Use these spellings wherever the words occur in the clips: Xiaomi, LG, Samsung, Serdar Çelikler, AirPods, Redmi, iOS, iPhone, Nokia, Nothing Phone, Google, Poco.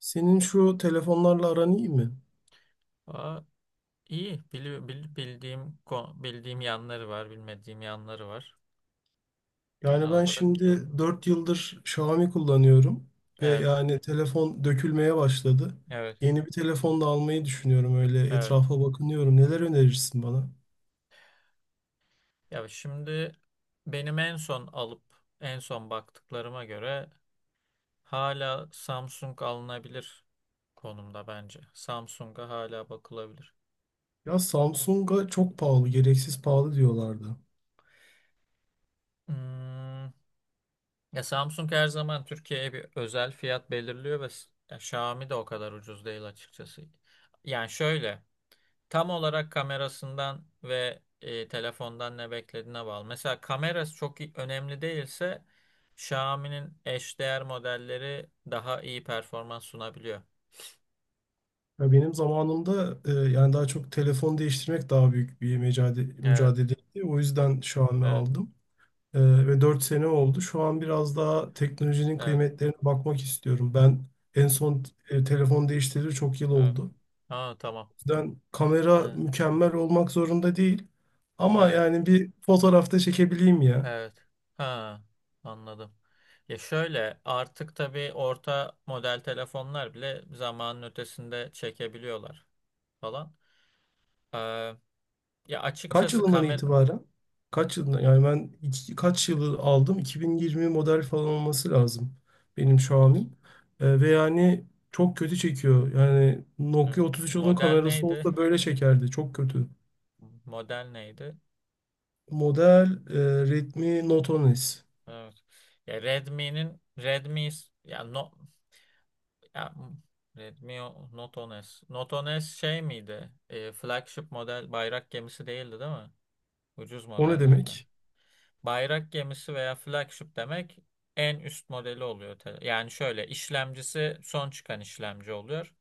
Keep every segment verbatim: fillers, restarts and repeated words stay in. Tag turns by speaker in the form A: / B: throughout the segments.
A: Senin şu telefonlarla aran iyi mi?
B: Aa, iyi. Bili- bil- bildiğim ko- bildiğim yanları var, bilmediğim yanları var.
A: Yani
B: Genel
A: ben
B: olarak biliyorum.
A: şimdi
B: abi.
A: dört yıldır Xiaomi kullanıyorum ve
B: Evet,
A: yani telefon dökülmeye başladı.
B: evet,
A: Yeni bir telefon da almayı düşünüyorum, öyle
B: evet.
A: etrafa bakınıyorum. Neler önerirsin bana?
B: Ya şimdi benim en son alıp en son baktıklarıma göre hala Samsung alınabilir konumda bence. Samsung'a hala bakılabilir.
A: Ya Samsung'a çok pahalı, gereksiz pahalı diyorlardı.
B: Hmm, Ya Samsung her zaman Türkiye'ye bir özel fiyat belirliyor ve s- ya Xiaomi de o kadar ucuz değil açıkçası. Yani şöyle. Tam olarak kamerasından ve e, telefondan ne beklediğine bağlı. Mesela kamerası çok i- önemli değilse Xiaomi'nin eşdeğer modelleri daha iyi performans sunabiliyor.
A: Ya benim zamanımda e, yani daha çok telefon değiştirmek daha büyük bir mücadele,
B: Evet,
A: mücadeleydi. O yüzden Xiaomi
B: evet,
A: aldım. Ee, ve dört sene oldu. Şu an biraz daha teknolojinin
B: evet,
A: kıymetlerine bakmak istiyorum. Ben en
B: evet.
A: son e, telefon değiştireli çok yıl
B: evet.
A: oldu.
B: Ha, tamam.
A: O yüzden kamera
B: Evet,
A: mükemmel olmak zorunda değil. Ama
B: evet,
A: yani bir fotoğrafta çekebileyim ya.
B: evet. Ha, anladım. Ya şöyle artık tabii orta model telefonlar bile zamanın ötesinde çekebiliyorlar falan. Ee, Ya
A: Kaç
B: açıkçası
A: yılından
B: kamera.
A: itibaren? Kaç yılından? Yani ben iki- kaç yılı aldım? iki bin yirmi model falan olması lazım benim Xiaomi'm. Ee, ve yani çok kötü çekiyor. Yani Nokia
B: Evet.
A: üç üç bir sıfırın
B: Model
A: kamerası
B: neydi?
A: olsa böyle çekerdi. Çok kötü.
B: Model neydi?
A: Model e, ritmi notonis.
B: Evet. Ya Redmi'nin Redmi ya no ya Redmi o- Note on es. Note on es şey miydi? E, flagship model, bayrak gemisi değildi değil mi? Ucuz
A: O ne
B: modellerden.
A: demek?
B: Bayrak gemisi veya flagship demek en üst modeli oluyor. te- Yani şöyle, işlemcisi son çıkan işlemci oluyor.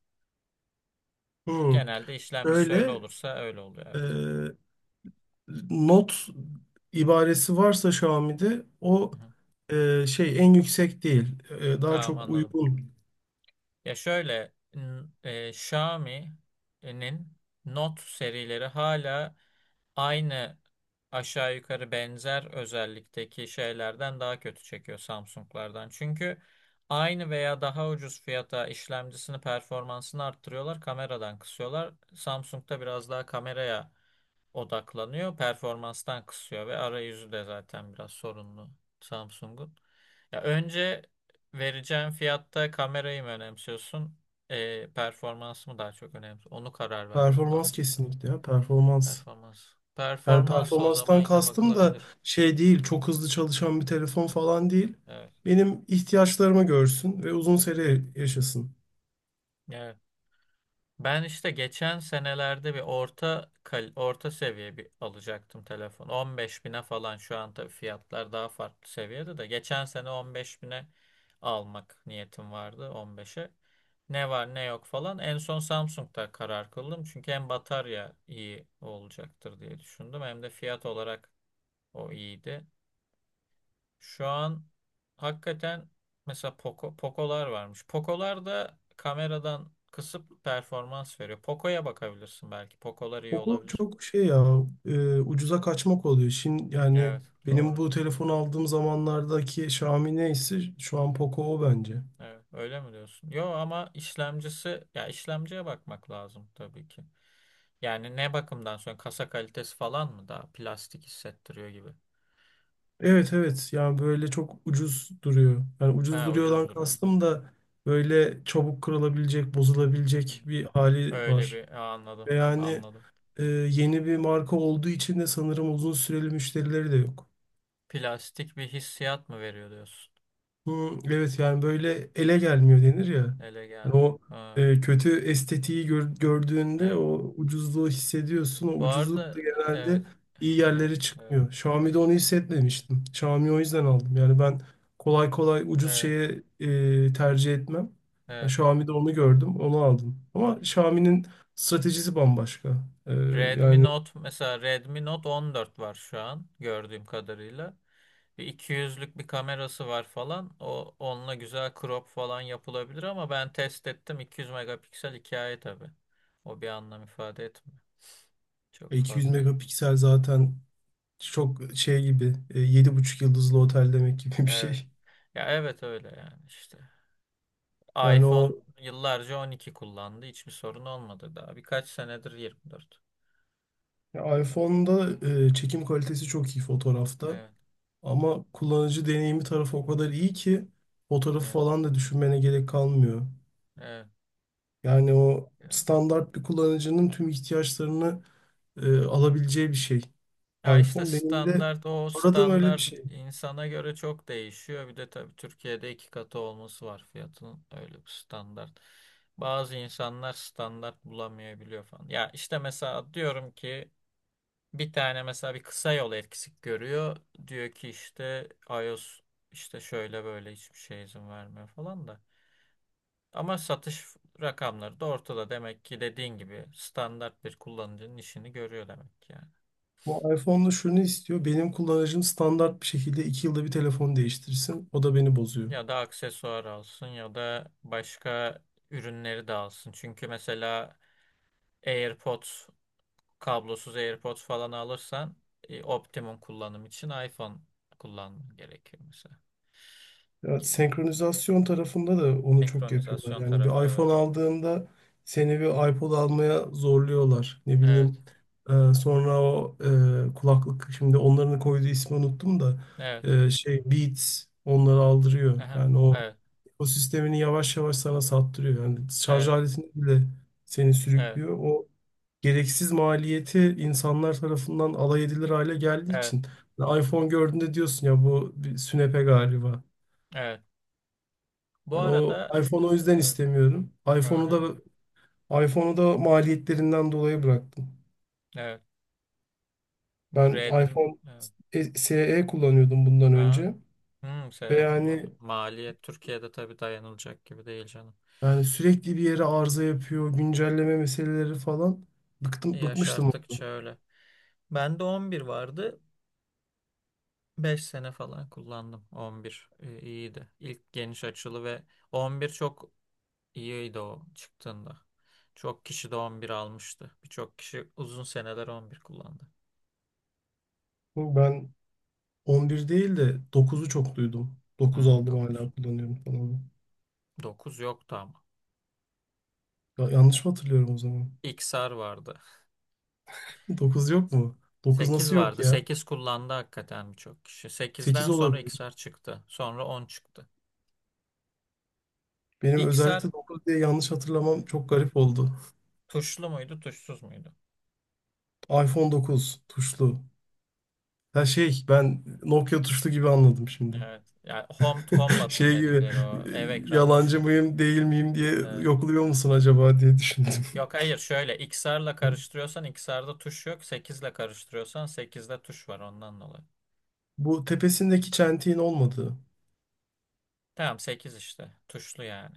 A: Hmm.
B: Genelde işlemcisi öyle
A: Şöyle
B: olursa öyle oluyor,
A: e,
B: evet.
A: not ibaresi varsa Xiaomi'de o
B: Hı hı.
A: e, şey en yüksek değil. E, daha
B: Tamam,
A: çok
B: anladım.
A: uygun.
B: Ya şöyle n- e, Xiaomi'nin Note serileri hala aynı aşağı yukarı benzer özellikteki şeylerden daha kötü çekiyor Samsung'lardan. Çünkü aynı veya daha ucuz fiyata işlemcisini, performansını arttırıyorlar, kameradan kısıyorlar. Samsung'da biraz daha kameraya odaklanıyor, performanstan kısıyor, ve arayüzü de zaten biraz sorunlu Samsung'un. Ya önce vereceğin fiyatta kamerayı mı önemsiyorsun, e, performans mı daha çok önemli? Onu karar vermek
A: Performans
B: lazım.
A: kesinlikle ya performans.
B: Performans.
A: Yani
B: Performansı, o zaman
A: performanstan
B: yine
A: kastım da
B: bakılabilir.
A: şey değil, çok hızlı çalışan bir telefon falan değil.
B: Evet,
A: Benim ihtiyaçlarımı görsün ve uzun
B: evet.
A: süre yaşasın.
B: Evet. Ben işte geçen senelerde bir orta kal- orta seviye bir alacaktım telefon. on beş bine falan, şu an tabii fiyatlar daha farklı seviyede de. Geçen sene on beş bine almak niyetim vardı, on beşe. Ne var ne yok falan. En son Samsung'da karar kıldım. Çünkü hem batarya iyi olacaktır diye düşündüm. Hem de fiyat olarak o iyiydi. Şu an hakikaten, mesela Poco, Poco'lar varmış. Poco'lar da kameradan kısıp performans veriyor. Poco'ya bakabilirsin belki. Poco'lar iyi
A: Koku
B: olabilir.
A: çok şey ya, e, ucuza kaçmak oluyor. Şimdi yani
B: Evet,
A: benim
B: doğru.
A: bu telefon aldığım zamanlardaki Xiaomi neyse şu an Poco o bence.
B: Evet, öyle mi diyorsun? Yo, ama işlemcisi, ya işlemciye bakmak lazım tabii ki. Yani ne bakımdan sonra, kasa kalitesi falan mı, daha plastik hissettiriyor gibi.
A: Evet, evet, yani böyle çok ucuz duruyor. Yani ucuz
B: Ha, ucuz
A: duruyordan
B: duruyor.
A: kastım da böyle çabuk kırılabilecek,
B: Hı hı.
A: bozulabilecek bir hali
B: Öyle
A: var.
B: bir, ha, anladım.
A: Ve yani
B: Anladım.
A: e, yeni bir marka olduğu için de sanırım uzun süreli müşterileri de yok.
B: Plastik bir hissiyat mı veriyor diyorsun?
A: Hı, evet, yani böyle ele gelmiyor denir ya.
B: Ele
A: Yani
B: gelmiyor.
A: o
B: Ha,
A: e, kötü estetiği gör- gördüğünde
B: evet.
A: o ucuzluğu hissediyorsun. O
B: Bu
A: ucuzluk da
B: arada, evet.
A: genelde iyi yerlere
B: Evet.
A: çıkmıyor. Xiaomi'de onu hissetmemiştim. Xiaomi o yüzden aldım. Yani ben kolay kolay ucuz
B: Evet.
A: şeye e, tercih etmem. Yani
B: Evet.
A: Xiaomi'de onu gördüm, onu aldım. Ama Xiaomi'nin stratejisi bambaşka. E,
B: Redmi
A: Yani
B: Note, mesela Redmi Note on dört var şu an gördüğüm kadarıyla. Bir iki yüzlük bir kamerası var falan. O, onunla güzel crop falan yapılabilir, ama ben test ettim, iki yüz megapiksel hikaye tabii. O bir anlam ifade etmiyor. Çok
A: iki yüz
B: fazla.
A: megapiksel zaten çok şey gibi, e, yedi buçuk yıldızlı otel demek gibi bir
B: Evet.
A: şey.
B: Ya evet, öyle yani işte.
A: Yani
B: iPhone
A: o
B: yıllarca on iki kullandı. Hiçbir sorun olmadı daha. Birkaç senedir yirmi dört.
A: ya, iPhone'da e, çekim kalitesi çok iyi fotoğrafta,
B: Evet.
A: ama kullanıcı deneyimi tarafı o kadar iyi ki fotoğrafı
B: Evet.
A: falan da düşünmene gerek kalmıyor.
B: Evet.
A: Yani o
B: Yani.
A: standart bir kullanıcının tüm ihtiyaçlarını e, alabileceği bir şey.
B: Ya işte
A: iPhone benim de
B: standart, o
A: aradığım öyle bir
B: standart
A: şey.
B: insana göre çok değişiyor. Bir de tabii Türkiye'de iki katı olması var fiyatın, öyle bir standart. Bazı insanlar standart bulamayabiliyor falan. Ya işte mesela diyorum ki, bir tane mesela bir kısa yol eksik görüyor. Diyor ki işte iOS işte şöyle böyle hiçbir şey izin vermiyor falan da. Ama satış rakamları da ortada. Demek ki, dediğin gibi, standart bir kullanıcının işini görüyor demek ki, yani.
A: Bu iPhone'da şunu istiyor: benim kullanıcım standart bir şekilde iki yılda bir telefon değiştirsin. O da beni bozuyor.
B: Ya da aksesuar alsın, ya da başka ürünleri de alsın. Çünkü mesela AirPods, kablosuz AirPods falan alırsan e, optimum kullanım için iPhone kullanman gerekiyor mesela,
A: Ya,
B: gibi.
A: senkronizasyon tarafında da onu çok yapıyorlar.
B: Senkronizasyon
A: Yani
B: tarafı,
A: bir iPhone
B: evet.
A: aldığında seni bir iPod almaya zorluyorlar. Ne
B: Evet.
A: bileyim, e, sonra o e, kulaklık, şimdi onların koyduğu ismi unuttum da,
B: Evet.
A: e, şey, Beats, onları aldırıyor.
B: Aha,
A: Yani o
B: evet.
A: ekosistemini yavaş yavaş sana sattırıyor. Yani şarj
B: Evet.
A: aletini bile, seni
B: Evet.
A: sürüklüyor. O gereksiz maliyeti insanlar tarafından alay edilir hale geldiği
B: Evet.
A: için. Yani iPhone gördüğünde diyorsun ya, bu bir sünepe galiba.
B: Evet. Bu
A: Yani o
B: arada,
A: iPhone'u
B: e,
A: o yüzden
B: evet.
A: istemiyorum. iPhone'u
B: Aha,
A: da iPhone'u da maliyetlerinden dolayı bıraktım.
B: evet. Bu
A: Ben
B: Redim,
A: iPhone
B: evet.
A: e- S E kullanıyordum bundan
B: Aha.
A: önce
B: Hmm,
A: ve
B: şey kullanıyor.
A: yani
B: Maliyet Türkiye'de tabii dayanılacak gibi değil
A: yani sürekli bir yere arıza
B: canım.
A: yapıyor, güncelleme meseleleri falan. Bıktım, bıkmıştım.
B: Yaşarttıkça öyle. Bende on bir vardı. beş sene falan kullandım. on bir e, iyiydi. İlk geniş açılı ve on bir çok iyiydi o çıktığında. Çok kişi de on bir almıştı. Birçok kişi uzun seneler on bir kullandı.
A: Ben on bir değil de dokuzu çok duydum. dokuz
B: Hmm,
A: aldım
B: dokuz.
A: hala kullanıyorum falan.
B: dokuz yoktu ama.
A: Ya, yanlış mı hatırlıyorum o zaman?
B: X R vardı.
A: dokuz yok mu? dokuz
B: sekiz
A: nasıl yok
B: vardı.
A: ya?
B: sekiz kullandı hakikaten birçok kişi. sekizden
A: sekiz
B: sonra
A: olabilir.
B: X R çıktı. Sonra on çıktı.
A: Benim
B: X R,
A: özellikle dokuz diye yanlış hatırlamam
B: evet,
A: çok garip oldu.
B: tuşlu muydu, tuşsuz muydu?
A: iPhone dokuz tuşlu. Ya şey, ben Nokia tuşlu gibi anladım şimdi.
B: Evet. Yani home home button
A: Şey gibi, e,
B: dedikleri o ev ekranı
A: yalancı
B: tuşu.
A: mıyım değil miyim diye
B: Evet.
A: yokluyor musun acaba diye düşündüm.
B: Yok, hayır, şöyle, X dört ile karıştırıyorsan x XR'da tuş yok. sekiz ile karıştırıyorsan sekizde tuş var ondan dolayı.
A: Bu tepesindeki çentiğin olmadığı.
B: Tamam, sekiz işte. Tuşlu yani.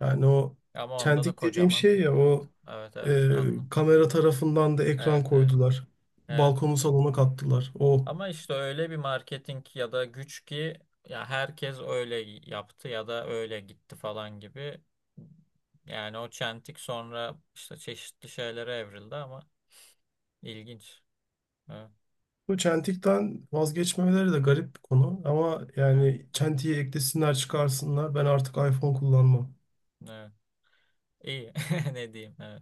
A: Yani o
B: Ama onda da
A: çentik dediğim
B: kocaman.
A: şey ya,
B: Evet.
A: o
B: Evet, evet,
A: e,
B: anladım.
A: kamera tarafından da ekran
B: Evet, evet.
A: koydular.
B: Evet.
A: Balkonu salona kattılar. O,
B: Ama işte öyle bir marketing ya da güç ki, ya herkes öyle yaptı ya da öyle gitti falan gibi. Yani o çentik sonra işte çeşitli şeylere evrildi, ama ilginç. Evet,
A: bu çentikten vazgeçmemeleri de garip bir konu. Ama
B: evet,
A: yani çentiyi eklesinler çıkarsınlar, ben artık iPhone kullanmam.
B: evet. İyi. Ne diyeyim? Evet.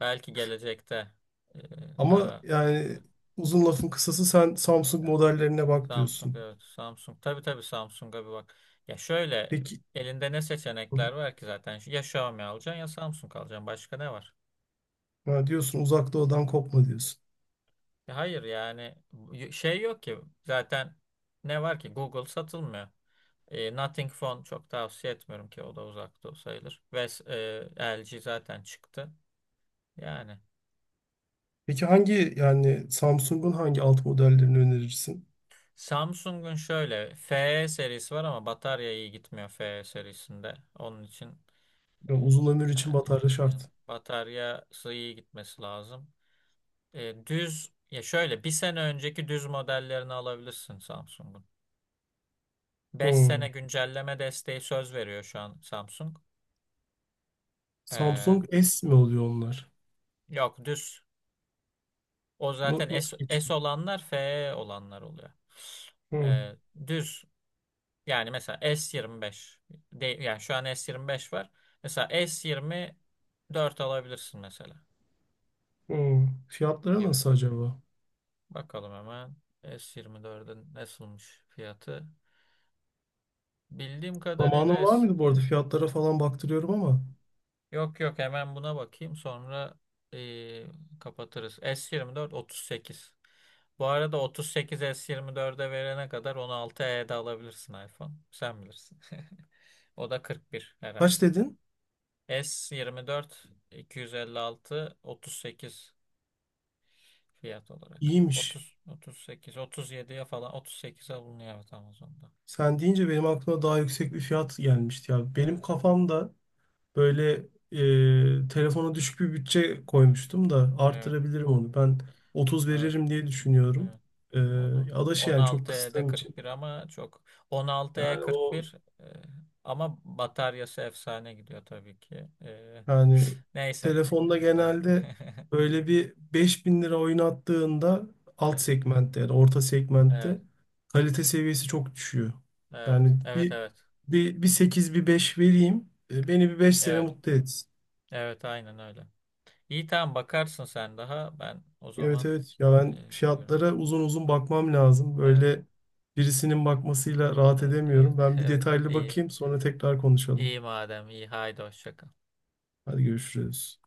B: Belki gelecekte e,
A: Ama
B: daha,
A: yani
B: evet.
A: uzun lafın kısası sen Samsung modellerine bak
B: Samsung,
A: diyorsun.
B: evet, Samsung, tabii tabii, Samsung'a bir bak. Ya şöyle,
A: Peki,
B: elinde ne seçenekler var ki zaten? Ya Xiaomi alacaksın, ya Samsung alacaksın. Başka ne var?
A: ha, diyorsun uzak doğudan kopma diyorsun.
B: Ya hayır yani, y- şey yok ki zaten, ne var ki, Google satılmıyor. E, Nothing Phone çok tavsiye etmiyorum, ki o da uzakta o sayılır. Ve e, L G zaten çıktı. Yani.
A: Peki hangi, yani Samsung'un hangi alt modellerini önerirsin?
B: Samsung'un şöyle F E serisi var, ama batarya iyi gitmiyor F E serisinde. Onun için
A: Ya
B: e,
A: uzun ömür için
B: yani
A: batarya
B: ne-
A: şart.
B: bataryası iyi gitmesi lazım. E, düz, ya şöyle bir sene önceki düz modellerini alabilirsin Samsung'un. Beş sene
A: Hmm.
B: güncelleme desteği söz veriyor şu an Samsung. E,
A: Samsung S mi oluyor onlar?
B: Yok, düz. O
A: Na-
B: zaten
A: Nasıl
B: S, S
A: geçiyor?
B: olanlar F E olanlar oluyor.
A: Hmm.
B: E, Düz. Yani mesela S yirmi beş de, yani şu an S yirmi beş var. Mesela S yirmi dört alabilirsin mesela,
A: Hmm. Fiyatları
B: gibi.
A: nasıl acaba?
B: Bakalım hemen S yirmi dördün nasılmış fiyatı. Bildiğim
A: Zamanın
B: kadarıyla
A: var
B: S
A: mıydı
B: yirmi.
A: bu arada? Fiyatlara falan baktırıyorum ama.
B: Yok, yok, hemen buna bakayım, sonra eee, kapatırız. S yirmi dört otuz sekiz. Bu arada otuz sekiz S yirmi dörde verene kadar on altı e'de alabilirsin iPhone. Sen bilirsin. O da kırk bir herhalde.
A: Kaç dedin?
B: S yirmi dört iki yüz elli altı otuz sekiz fiyat olarak.
A: İyiymiş.
B: otuz otuz sekiz otuz yediye falan otuz sekize bulunuyor, evet, Amazon'da.
A: Sen deyince benim aklıma daha yüksek bir fiyat gelmişti ya. Benim
B: Evet.
A: kafamda böyle e, telefona düşük bir bütçe
B: Evet.
A: koymuştum da
B: Evet.
A: arttırabilirim onu. Ben otuz
B: Evet.
A: veririm diye düşünüyorum.
B: evet.
A: E,
B: Onu
A: Adaşı yani çok
B: on altı E'de
A: kıstığım için.
B: kırk bir, ama çok, on altı E
A: Yani
B: kırk bir e,
A: o
B: kırk bir e, ama bataryası efsane gidiyor tabii ki. E,
A: yani
B: neyse.
A: telefonda
B: E,
A: genelde böyle bir beş bin lira oynattığında alt
B: evet.
A: segmentte, yani orta
B: Evet.
A: segmentte kalite seviyesi çok düşüyor.
B: Evet.
A: Yani
B: Evet. Evet.
A: bir
B: Evet.
A: bir, bir sekiz bir beş vereyim. E, beni bir beş sene
B: Evet.
A: mutlu etsin.
B: Evet. Aynen öyle. İyi, tamam, bakarsın sen daha. Ben o
A: Evet,
B: zaman
A: evet, ya
B: e,
A: ben
B: gidiyorum.
A: fiyatlara uzun uzun bakmam lazım.
B: Evet,
A: Böyle birisinin bakmasıyla rahat
B: evet, evet,
A: edemiyorum. Ben bir
B: evet.
A: detaylı
B: İyi.
A: bakayım, sonra tekrar konuşalım.
B: İyi madem, iyi. Haydi, hoşça kal.
A: Hadi görüşürüz.